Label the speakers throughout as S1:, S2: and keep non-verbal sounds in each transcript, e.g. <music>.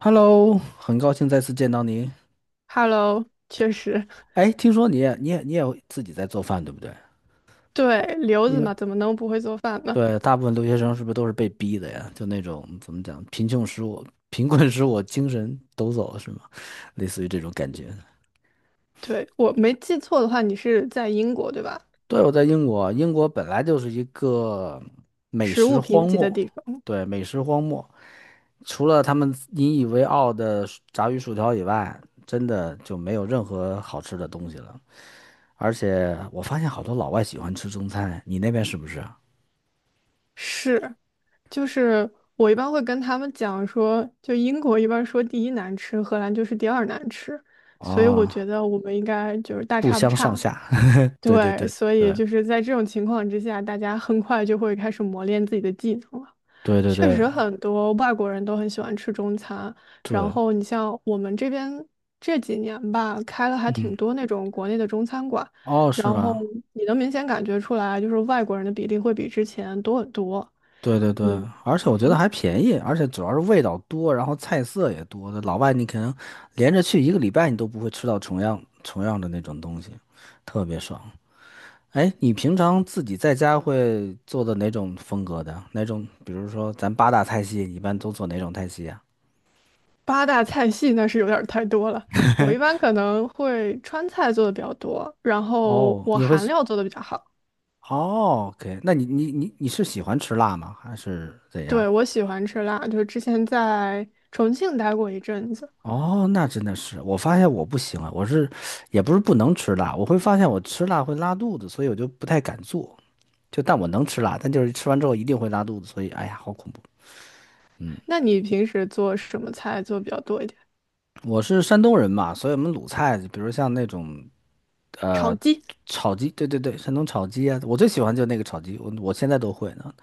S1: Hello，很高兴再次见到你。
S2: Hello，确实，
S1: 哎，听说你会自己在做饭，对不对？
S2: <laughs> 对，留
S1: 因
S2: 子
S1: 为
S2: 嘛，怎么能不会做饭呢？
S1: 对，大部分留学生是不是都是被逼的呀？就那种怎么讲，贫穷使我 <laughs> 贫困使我精神抖擞，是吗？类似于这种感觉。
S2: 对，我没记错的话，你是在英国，对吧？
S1: 对，我在英国，英国本来就是一个美
S2: 食物
S1: 食
S2: 贫
S1: 荒
S2: 瘠的
S1: 漠，
S2: 地方，
S1: 对，美食荒漠，除了他们引以为傲的薯炸鱼薯条以外，真的就没有任何好吃的东西了。而且我发现好多老外喜欢吃中餐，你那边是不是啊？
S2: 是。就是我一般会跟他们讲说，就英国一般说第一难吃，荷兰就是第二难吃，所以我
S1: 啊，
S2: 觉得我们应该就是大
S1: 不
S2: 差不
S1: 相上
S2: 差。
S1: 下。<laughs> 对对
S2: 对，
S1: 对
S2: 所以
S1: 对
S2: 就是在这种情况之下，大家很快就会开始磨练自己的技能了。
S1: 对对
S2: 确
S1: 对
S2: 实，很多外国人都很喜欢吃中餐，然
S1: 对，
S2: 后你像我们这边这几年吧，开了还挺
S1: 嗯，
S2: 多那种国内的中餐馆，
S1: 哦，是
S2: 然后
S1: 吗？
S2: 你能明显感觉出来，就是外国人的比例会比之前多很多。
S1: 对对对，而且我觉得还便宜，而且主要是味道多，然后菜色也多，老外你可能连着去一个礼拜，你都不会吃到重样的那种东西，特别爽。哎，你平常自己在家会做的哪种风格的？哪种？比如说咱八大菜系，你一般都做哪种菜系呀？
S2: 八大菜系那是有点儿太多了。我一般可能会川菜做的比较多，然后
S1: 哦，
S2: 我
S1: 你会
S2: 韩料做的比较好。
S1: 哦，OK，那你是喜欢吃辣吗？还是怎样？
S2: 对，我喜欢吃辣，就是之前在重庆待过一阵子。
S1: 哦，那真的是，我发现我不行啊，也不是不能吃辣，我会发现我吃辣会拉肚子，所以我就不太敢做。就但我能吃辣，但就是吃完之后一定会拉肚子，所以哎呀，好恐怖。
S2: 那你平时做什么菜做得比较多一点？
S1: 我是山东人嘛，所以我们鲁菜，比如像那种
S2: 炒
S1: 呃
S2: 鸡
S1: 炒鸡，对对对，山东炒鸡啊，我最喜欢就那个炒鸡，我现在都会呢。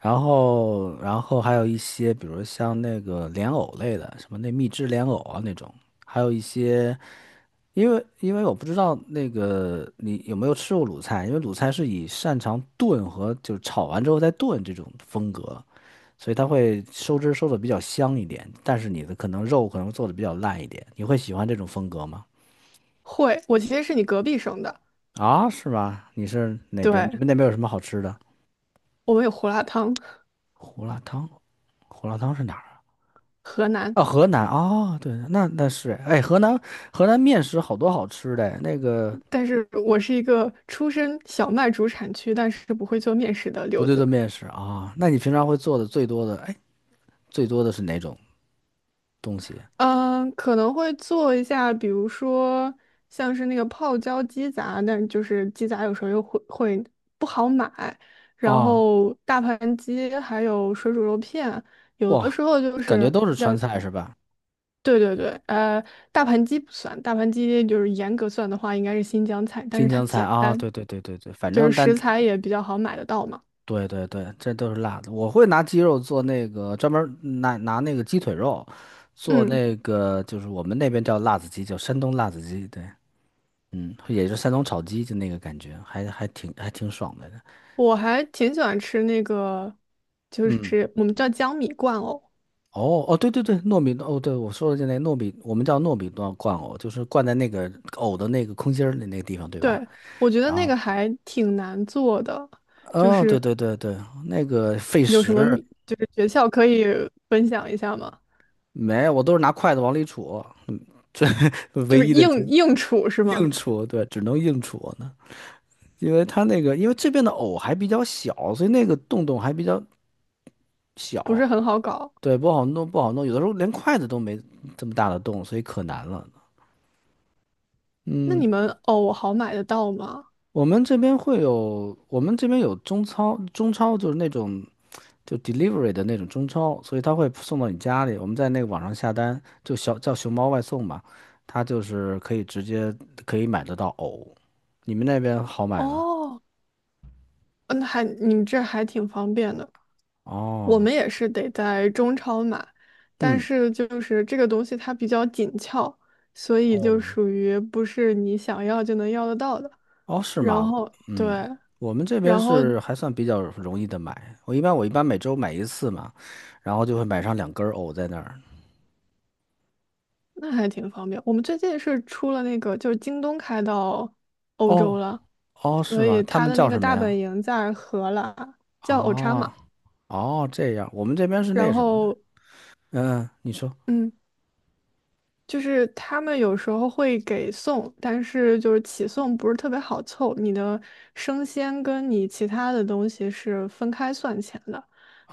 S1: 然后还有一些，比如像那个莲藕类的，什么那蜜汁莲藕啊那种，还有一些，因为我不知道那个你有没有吃过鲁菜，因为鲁菜是以擅长炖和就是炒完之后再炖这种风格，所以它会收汁儿收的比较香一点，但是你的可能肉可能做的比较烂一点。你会喜欢这种风格吗？
S2: 会，我其实是你隔壁省的，
S1: 啊，是吗？你是哪边？你
S2: 对，
S1: 们那边有什么好吃的？
S2: 我们有胡辣汤，
S1: 胡辣汤，胡辣汤是哪儿啊？
S2: 河南，
S1: 啊，河南啊，对，那那是，哎，河南面食好多好吃的，那个
S2: 但是我是一个出身小麦主产区，但是不会做面食的
S1: 不
S2: 留
S1: 对的
S2: 子。
S1: 面食啊，那你平常会做的最多的，哎，最多的是哪种东西
S2: 嗯，可能会做一下，比如说像是那个泡椒鸡杂，但就是鸡杂有时候又会不好买，然
S1: 啊？
S2: 后大盘鸡还有水煮肉片，有的
S1: 哇，
S2: 时候就
S1: 感觉
S2: 是
S1: 都是川菜是吧？
S2: 对对对，大盘鸡不算，大盘鸡就是严格算的话应该是新疆菜，但
S1: 新
S2: 是它
S1: 疆菜
S2: 简
S1: 啊，
S2: 单，
S1: 对对对对对，反
S2: 就是
S1: 正但
S2: 食材也比较好买得到嘛。
S1: 对对对，这都是辣的。我会拿鸡肉做那个专门儿拿那个鸡腿肉做
S2: 嗯，
S1: 那个，就是我们那边叫辣子鸡，叫山东辣子鸡。对，嗯，也是山东炒鸡，就那个感觉，还挺爽的。
S2: 我还挺喜欢吃那个，就
S1: 嗯，
S2: 是我们叫江米罐藕。
S1: 哦哦，对对对，糯米哦，对我说的就那糯米，我们叫糯米罐罐藕，就是灌在那个藕的那个空心儿的那个地方，对吧？
S2: 对，我觉得
S1: 然
S2: 那
S1: 后，
S2: 个还挺难做的，就
S1: 哦，对
S2: 是
S1: 对对对，那个费
S2: 有什么
S1: 时，
S2: 秘就是诀窍可以分享一下吗？
S1: 没，我都是拿筷子往里杵，嗯，这 <laughs> 唯
S2: 就是
S1: 一的。
S2: 硬处是吗？
S1: 硬戳，对，只能硬戳呢，因为它那个，因为这边的藕还比较小，所以那个洞洞还比较
S2: 不
S1: 小，
S2: 是很好搞。
S1: 对，不好弄，不好弄，有的时候连筷子都没这么大的洞，所以可难了。
S2: 那
S1: 嗯，
S2: 你们哦，好买得到吗？
S1: 我们这边会有，我们这边有中超，中超就是那种就 delivery 的那种中超，所以他会送到你家里。我们在那个网上下单，就小叫熊猫外送嘛，它就是可以直接可以买得到藕。你们那边好买吗？
S2: 哦，那还你们这还挺方便的。我
S1: 哦，
S2: 们也是得在中超买，但
S1: 嗯，
S2: 是就是这个东西它比较紧俏，所以就
S1: 哦，
S2: 属于不是你想要就能要得到的。
S1: 哦，是
S2: 然
S1: 吗？
S2: 后
S1: 嗯，
S2: 对。
S1: 我们这边
S2: 然后
S1: 是还算比较容易的买。我一般每周买一次嘛，然后就会买上两根儿藕在那儿。
S2: 那还挺方便。我们最近是出了那个，就是京东开到欧洲
S1: 哦，
S2: 了，
S1: 哦，是
S2: 所
S1: 吗？
S2: 以
S1: 他
S2: 它
S1: 们
S2: 的
S1: 叫
S2: 那个
S1: 什么
S2: 大本
S1: 呀？
S2: 营在荷兰，叫 Ochama。
S1: 啊，哦，这样，我们这边是那
S2: 然
S1: 什么的。
S2: 后，
S1: 嗯，你说，
S2: 嗯，就是他们有时候会给送，但是就是起送不是特别好凑，你的生鲜跟你其他的东西是分开算钱的，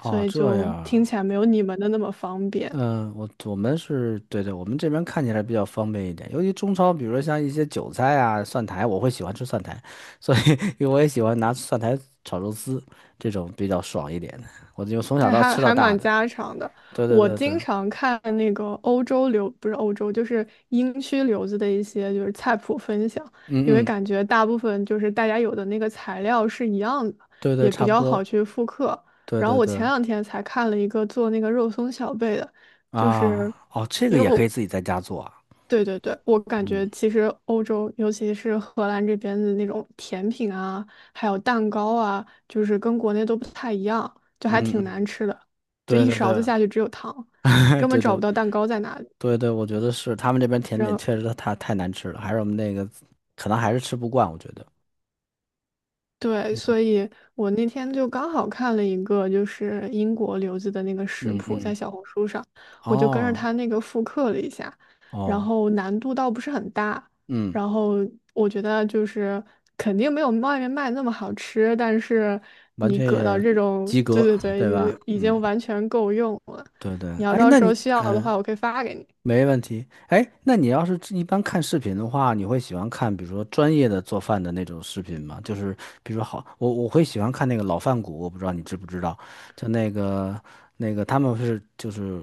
S2: 所以
S1: 这
S2: 就听
S1: 样，
S2: 起来没有你们的那么方便。
S1: 嗯，我们是对对，我们这边看起来比较方便一点。尤其中超，比如说像一些韭菜啊、蒜苔，我会喜欢吃蒜苔，所以 <laughs> 因为我也喜欢拿蒜苔炒肉丝，这种比较爽一点。的。我就从小
S2: 哎，
S1: 到
S2: 还
S1: 吃到
S2: 还
S1: 大
S2: 蛮
S1: 的。
S2: 家常的。
S1: 对对
S2: 我
S1: 对对，
S2: 经常看那个欧洲流，不是欧洲，就是英区留子的一些就是菜谱分享，因为
S1: 嗯嗯，
S2: 感觉大部分就是大家有的那个材料是一样的，
S1: 对对，
S2: 也比
S1: 差不
S2: 较好
S1: 多。
S2: 去复刻。
S1: 对
S2: 然后
S1: 对
S2: 我前
S1: 对，
S2: 两天才看了一个做那个肉松小贝的，就
S1: 啊，
S2: 是
S1: 哦，这个
S2: 因为
S1: 也可
S2: 我
S1: 以自己在家做啊。
S2: 对对对，我感觉
S1: 嗯
S2: 其实欧洲，尤其是荷兰这边的那种甜品啊，还有蛋糕啊，就是跟国内都不太一样，就还
S1: 嗯
S2: 挺难
S1: 嗯，
S2: 吃的，就
S1: 对
S2: 一
S1: 对
S2: 勺子
S1: 对，
S2: 下去只有糖，你
S1: <laughs>
S2: 根本
S1: 对对
S2: 找不到蛋糕在哪里。
S1: 对对，我觉得是他们这边甜点确实太难吃了，还是我们那个可能还是吃不惯，我觉得。
S2: 对，所以我那天就刚好看了一个，就是英国留子的那个食
S1: 嗯
S2: 谱，在
S1: 嗯。
S2: 小红书上，我就跟着他
S1: 哦
S2: 那个复刻了一下，然
S1: 哦，
S2: 后难度倒不是很大，
S1: 嗯，
S2: 然后我觉得就是肯定没有外面卖那么好吃，但是
S1: 完
S2: 你
S1: 全
S2: 搁到
S1: 也
S2: 这种，
S1: 及
S2: 对
S1: 格，
S2: 对对，
S1: 对吧？
S2: 已已
S1: 嗯，
S2: 经完全够用了。
S1: 对对。
S2: 你要
S1: 哎，
S2: 到
S1: 那
S2: 时
S1: 你
S2: 候需要的
S1: 嗯、呃
S2: 话，我可以发给你，
S1: 没问题。哎，那你要是一般看视频的话，你会喜欢看比如说专业的做饭的那种视频吗？就是比如说好，我会喜欢看那个老饭骨，我不知道你知不知道，就那个那个他们是就是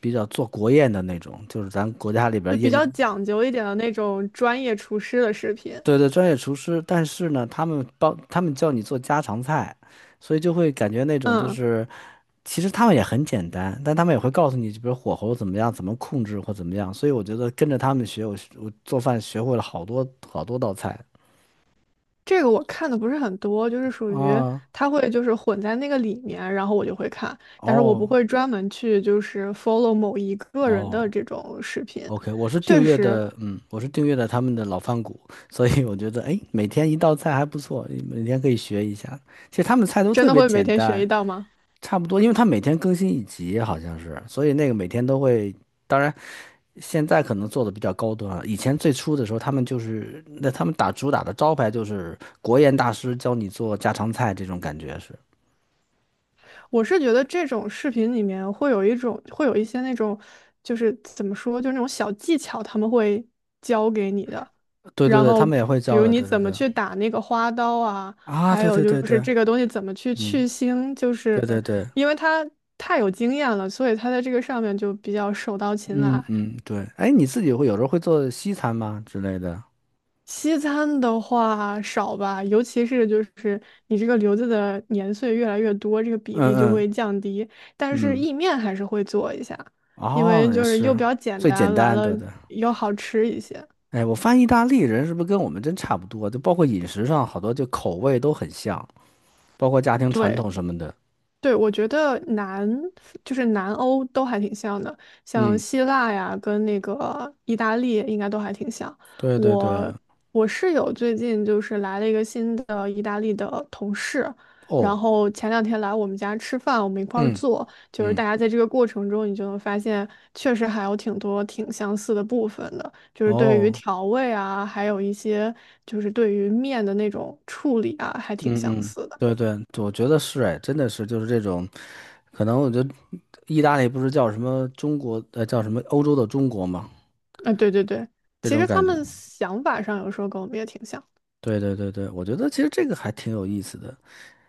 S1: 比较做国宴的那种，就是咱国家里
S2: 就
S1: 边
S2: 比
S1: 宴
S2: 较讲究一点的那种专业厨师的视频。
S1: 对对，专业厨师，但是呢，他们帮他们教你做家常菜，所以就会感觉那种就
S2: 嗯。
S1: 是，其实他们也很简单，但他们也会告诉你，比如火候怎么样，怎么控制或怎么样。所以我觉得跟着他们学，我做饭学会了好多好多道菜
S2: 这个我看的不是很多，就是属于
S1: 啊。
S2: 它会就是混在那个里面，然后我就会看，但是我不
S1: 哦
S2: 会专门去就是 follow 某一个人的
S1: 哦
S2: 这种视频。
S1: ，OK，我是订
S2: 确
S1: 阅
S2: 实，
S1: 的，嗯，我是订阅的他们的老饭骨，所以我觉得哎，每天一道菜还不错，每天可以学一下。其实他们菜都
S2: 真
S1: 特
S2: 的
S1: 别
S2: 会每
S1: 简
S2: 天学
S1: 单。
S2: 一道吗？
S1: 差不多，因为他每天更新一集，好像是，所以那个每天都会。当然，现在可能做的比较高端啊。以前最初的时候，他们就是那他们打主打的招牌就是国宴大师教你做家常菜这种感觉是。
S2: 我是觉得这种视频里面会有一种，会有一些那种，就是怎么说，就是那种小技巧，他们会教给你的。
S1: 对对
S2: 然
S1: 对，他
S2: 后，
S1: 们也会
S2: 比
S1: 教
S2: 如
S1: 的。
S2: 你
S1: 对对
S2: 怎么
S1: 对。
S2: 去打那个花刀啊，
S1: 啊，
S2: 还
S1: 对
S2: 有
S1: 对
S2: 就
S1: 对
S2: 是
S1: 对，
S2: 这个东西怎么去
S1: 嗯，
S2: 去腥，就是
S1: 对对对，
S2: 因为他太有经验了，所以他在这个上面就比较手到擒
S1: 嗯
S2: 来。
S1: 嗯对。哎，你自己会有时候会做西餐吗之类的？
S2: 西餐的话少吧，尤其是就是你这个留子的年岁越来越多，这个比
S1: 嗯
S2: 例就
S1: 嗯
S2: 会降低。但是
S1: 嗯，
S2: 意面还是会做一下，因
S1: 哦，
S2: 为
S1: 也
S2: 就是又
S1: 是
S2: 比较简
S1: 最简
S2: 单，完
S1: 单，
S2: 了
S1: 对对。
S2: 又好吃一些。
S1: 哎，我发现意大利人是不是跟我们真差不多？就包括饮食上，好多就口味都很像，包括家庭传
S2: 对。
S1: 统什么的。
S2: 对，我觉得南就是南欧都还挺像的，像
S1: 嗯，
S2: 希腊呀，跟那个意大利应该都还挺像。
S1: 对对对，
S2: 我我室友最近就是来了一个新的意大利的同事，然
S1: 哦，
S2: 后前两天来我们家吃饭，我们一块儿
S1: 嗯
S2: 做，就是
S1: 嗯，
S2: 大家在这个过程中，你就能发现确实还有挺多挺相似的部分的，就是对于
S1: 哦，
S2: 调味啊，还有一些就是对于面的那种处理啊，还挺相
S1: 嗯嗯，
S2: 似的。
S1: 对对，我觉得是哎，真的是就是这种，可能我觉得意大利不是叫什么中国，叫什么欧洲的中国吗？
S2: 啊，对对对，
S1: 这
S2: 其
S1: 种
S2: 实他
S1: 感觉。
S2: 们想法上有时候跟我们也挺像。
S1: 对对对对，我觉得其实这个还挺有意思的。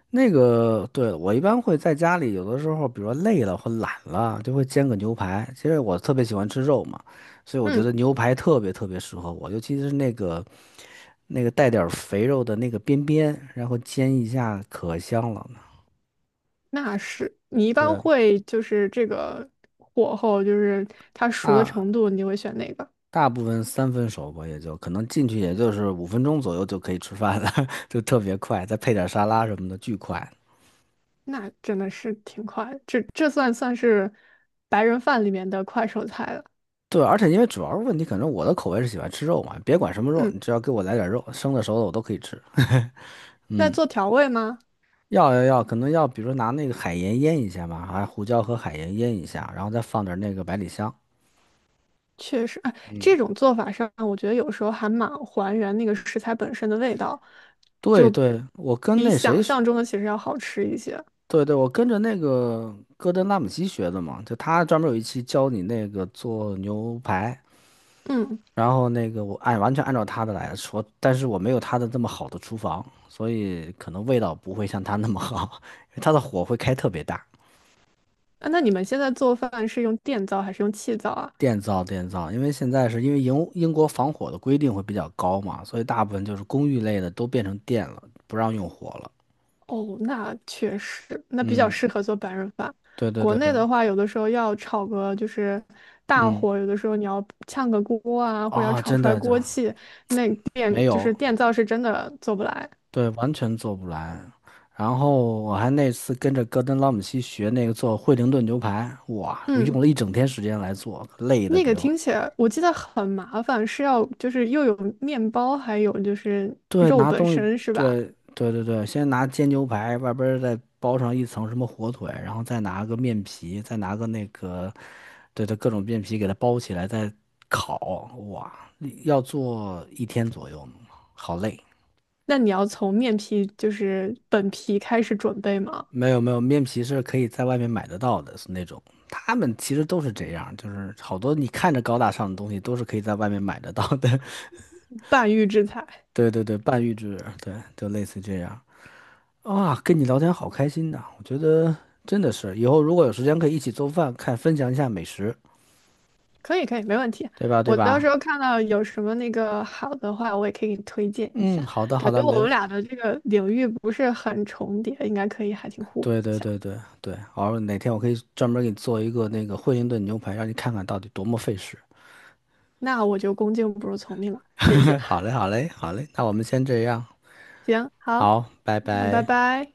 S1: 那个，对，我一般会在家里，有的时候，比如说累了或懒了，就会煎个牛排。其实我特别喜欢吃肉嘛，所以我觉得
S2: 嗯，
S1: 牛排特别特别适合我，尤其是那个带点儿肥肉的那个边边，然后煎一下，可香了呢。
S2: 那是你一般
S1: 对，
S2: 会就是这个火候，就是它熟的程
S1: 大
S2: 度，你会选哪个？
S1: 大部分三分熟吧，也就可能进去也就是五分钟左右就可以吃饭了，<laughs> 就特别快，再配点沙拉什么的，巨快。
S2: 那真的是挺快的这算是白人饭里面的快手菜了。
S1: 对，而且因为主要是问题，可能我的口味是喜欢吃肉嘛，别管什么肉，你
S2: 嗯，
S1: 只要给我来点肉，生的熟的我都可以吃。<laughs>
S2: 那做调味吗？
S1: 要要要，可能要比如说拿那个海盐腌一下嘛，还胡椒和海盐腌一下，然后再放点那个百里香。
S2: 确实，啊，这种做法上，我觉得有时候还蛮还原那个食材本身的味道，
S1: 对
S2: 就
S1: 对，我跟
S2: 比
S1: 那谁
S2: 想
S1: 学
S2: 象中的其实要好吃一些。
S1: 对对，我跟着那个戈登拉姆齐学的嘛，就他专门有一期教你那个做牛排，
S2: 嗯。
S1: 然后那个我按完全按照他的来说，但是我没有他的这么好的厨房，所以可能味道不会像他那么好，<laughs> 因为他的火会开特别大。
S2: 啊，那你们现在做饭是用电灶还是用气灶啊？
S1: 电灶，电灶，因为现在是因为英国防火的规定会比较高嘛，所以大部分就是公寓类的都变成电了，不让用火了。
S2: 哦，那确实，那比较
S1: 嗯，
S2: 适合做白人饭。
S1: 对对
S2: 国
S1: 对，
S2: 内的话，有的时候要炒个就是大
S1: 嗯，
S2: 火，有的时候你要炝个锅啊，或者要
S1: 啊、
S2: 炒
S1: 真
S2: 出来
S1: 的就
S2: 锅气，那
S1: 没有，
S2: 电灶是真的做不来。
S1: 对，完全做不来。然后我还那次跟着戈登拉姆西学那个做惠灵顿牛排，哇，我
S2: 嗯，
S1: 用了一整天时间来做，累的
S2: 那个
S1: 给我。
S2: 听起来我记得很麻烦，是要就是又有面包，还有就是
S1: 对，
S2: 肉
S1: 拿
S2: 本
S1: 东西，
S2: 身是吧？
S1: 对对对对，先拿煎牛排，外边儿再包上一层什么火腿，然后再拿个面皮，再拿个那个，对对，各种面皮给它包起来，再烤。哇，要做一天左右呢好累。
S2: 那你要从面皮就是本皮开始准备吗？
S1: 没有没有，面皮是可以在外面买得到的，是那种。他们其实都是这样，就是好多你看着高大上的东西都是可以在外面买得到的。
S2: 半预制菜。
S1: <laughs> 对对对，半预制，对，就类似这样。啊，跟你聊天好开心呐！我觉得真的是，以后如果有时间可以一起做饭，看分享一下美食，
S2: 可以可以，没问题。
S1: 对吧？对
S2: 我到
S1: 吧？
S2: 时候看到有什么那个好的话，我也可以给你推荐一
S1: 嗯，
S2: 下。
S1: 好的，
S2: 感
S1: 好的，
S2: 觉
S1: 没，
S2: 我们俩的这个领域不是很重叠，应该可以还挺互补
S1: 对
S2: 一
S1: 对
S2: 下。
S1: 对对对，好，哪天我可以专门给你做一个那个惠灵顿牛排，让你看看到底多么费事。
S2: 那我就恭敬不如从命了，谢谢。
S1: <laughs> 好嘞，好嘞，好嘞，那我们先这样，
S2: 行，好，
S1: 好，拜
S2: 那拜
S1: 拜。
S2: 拜。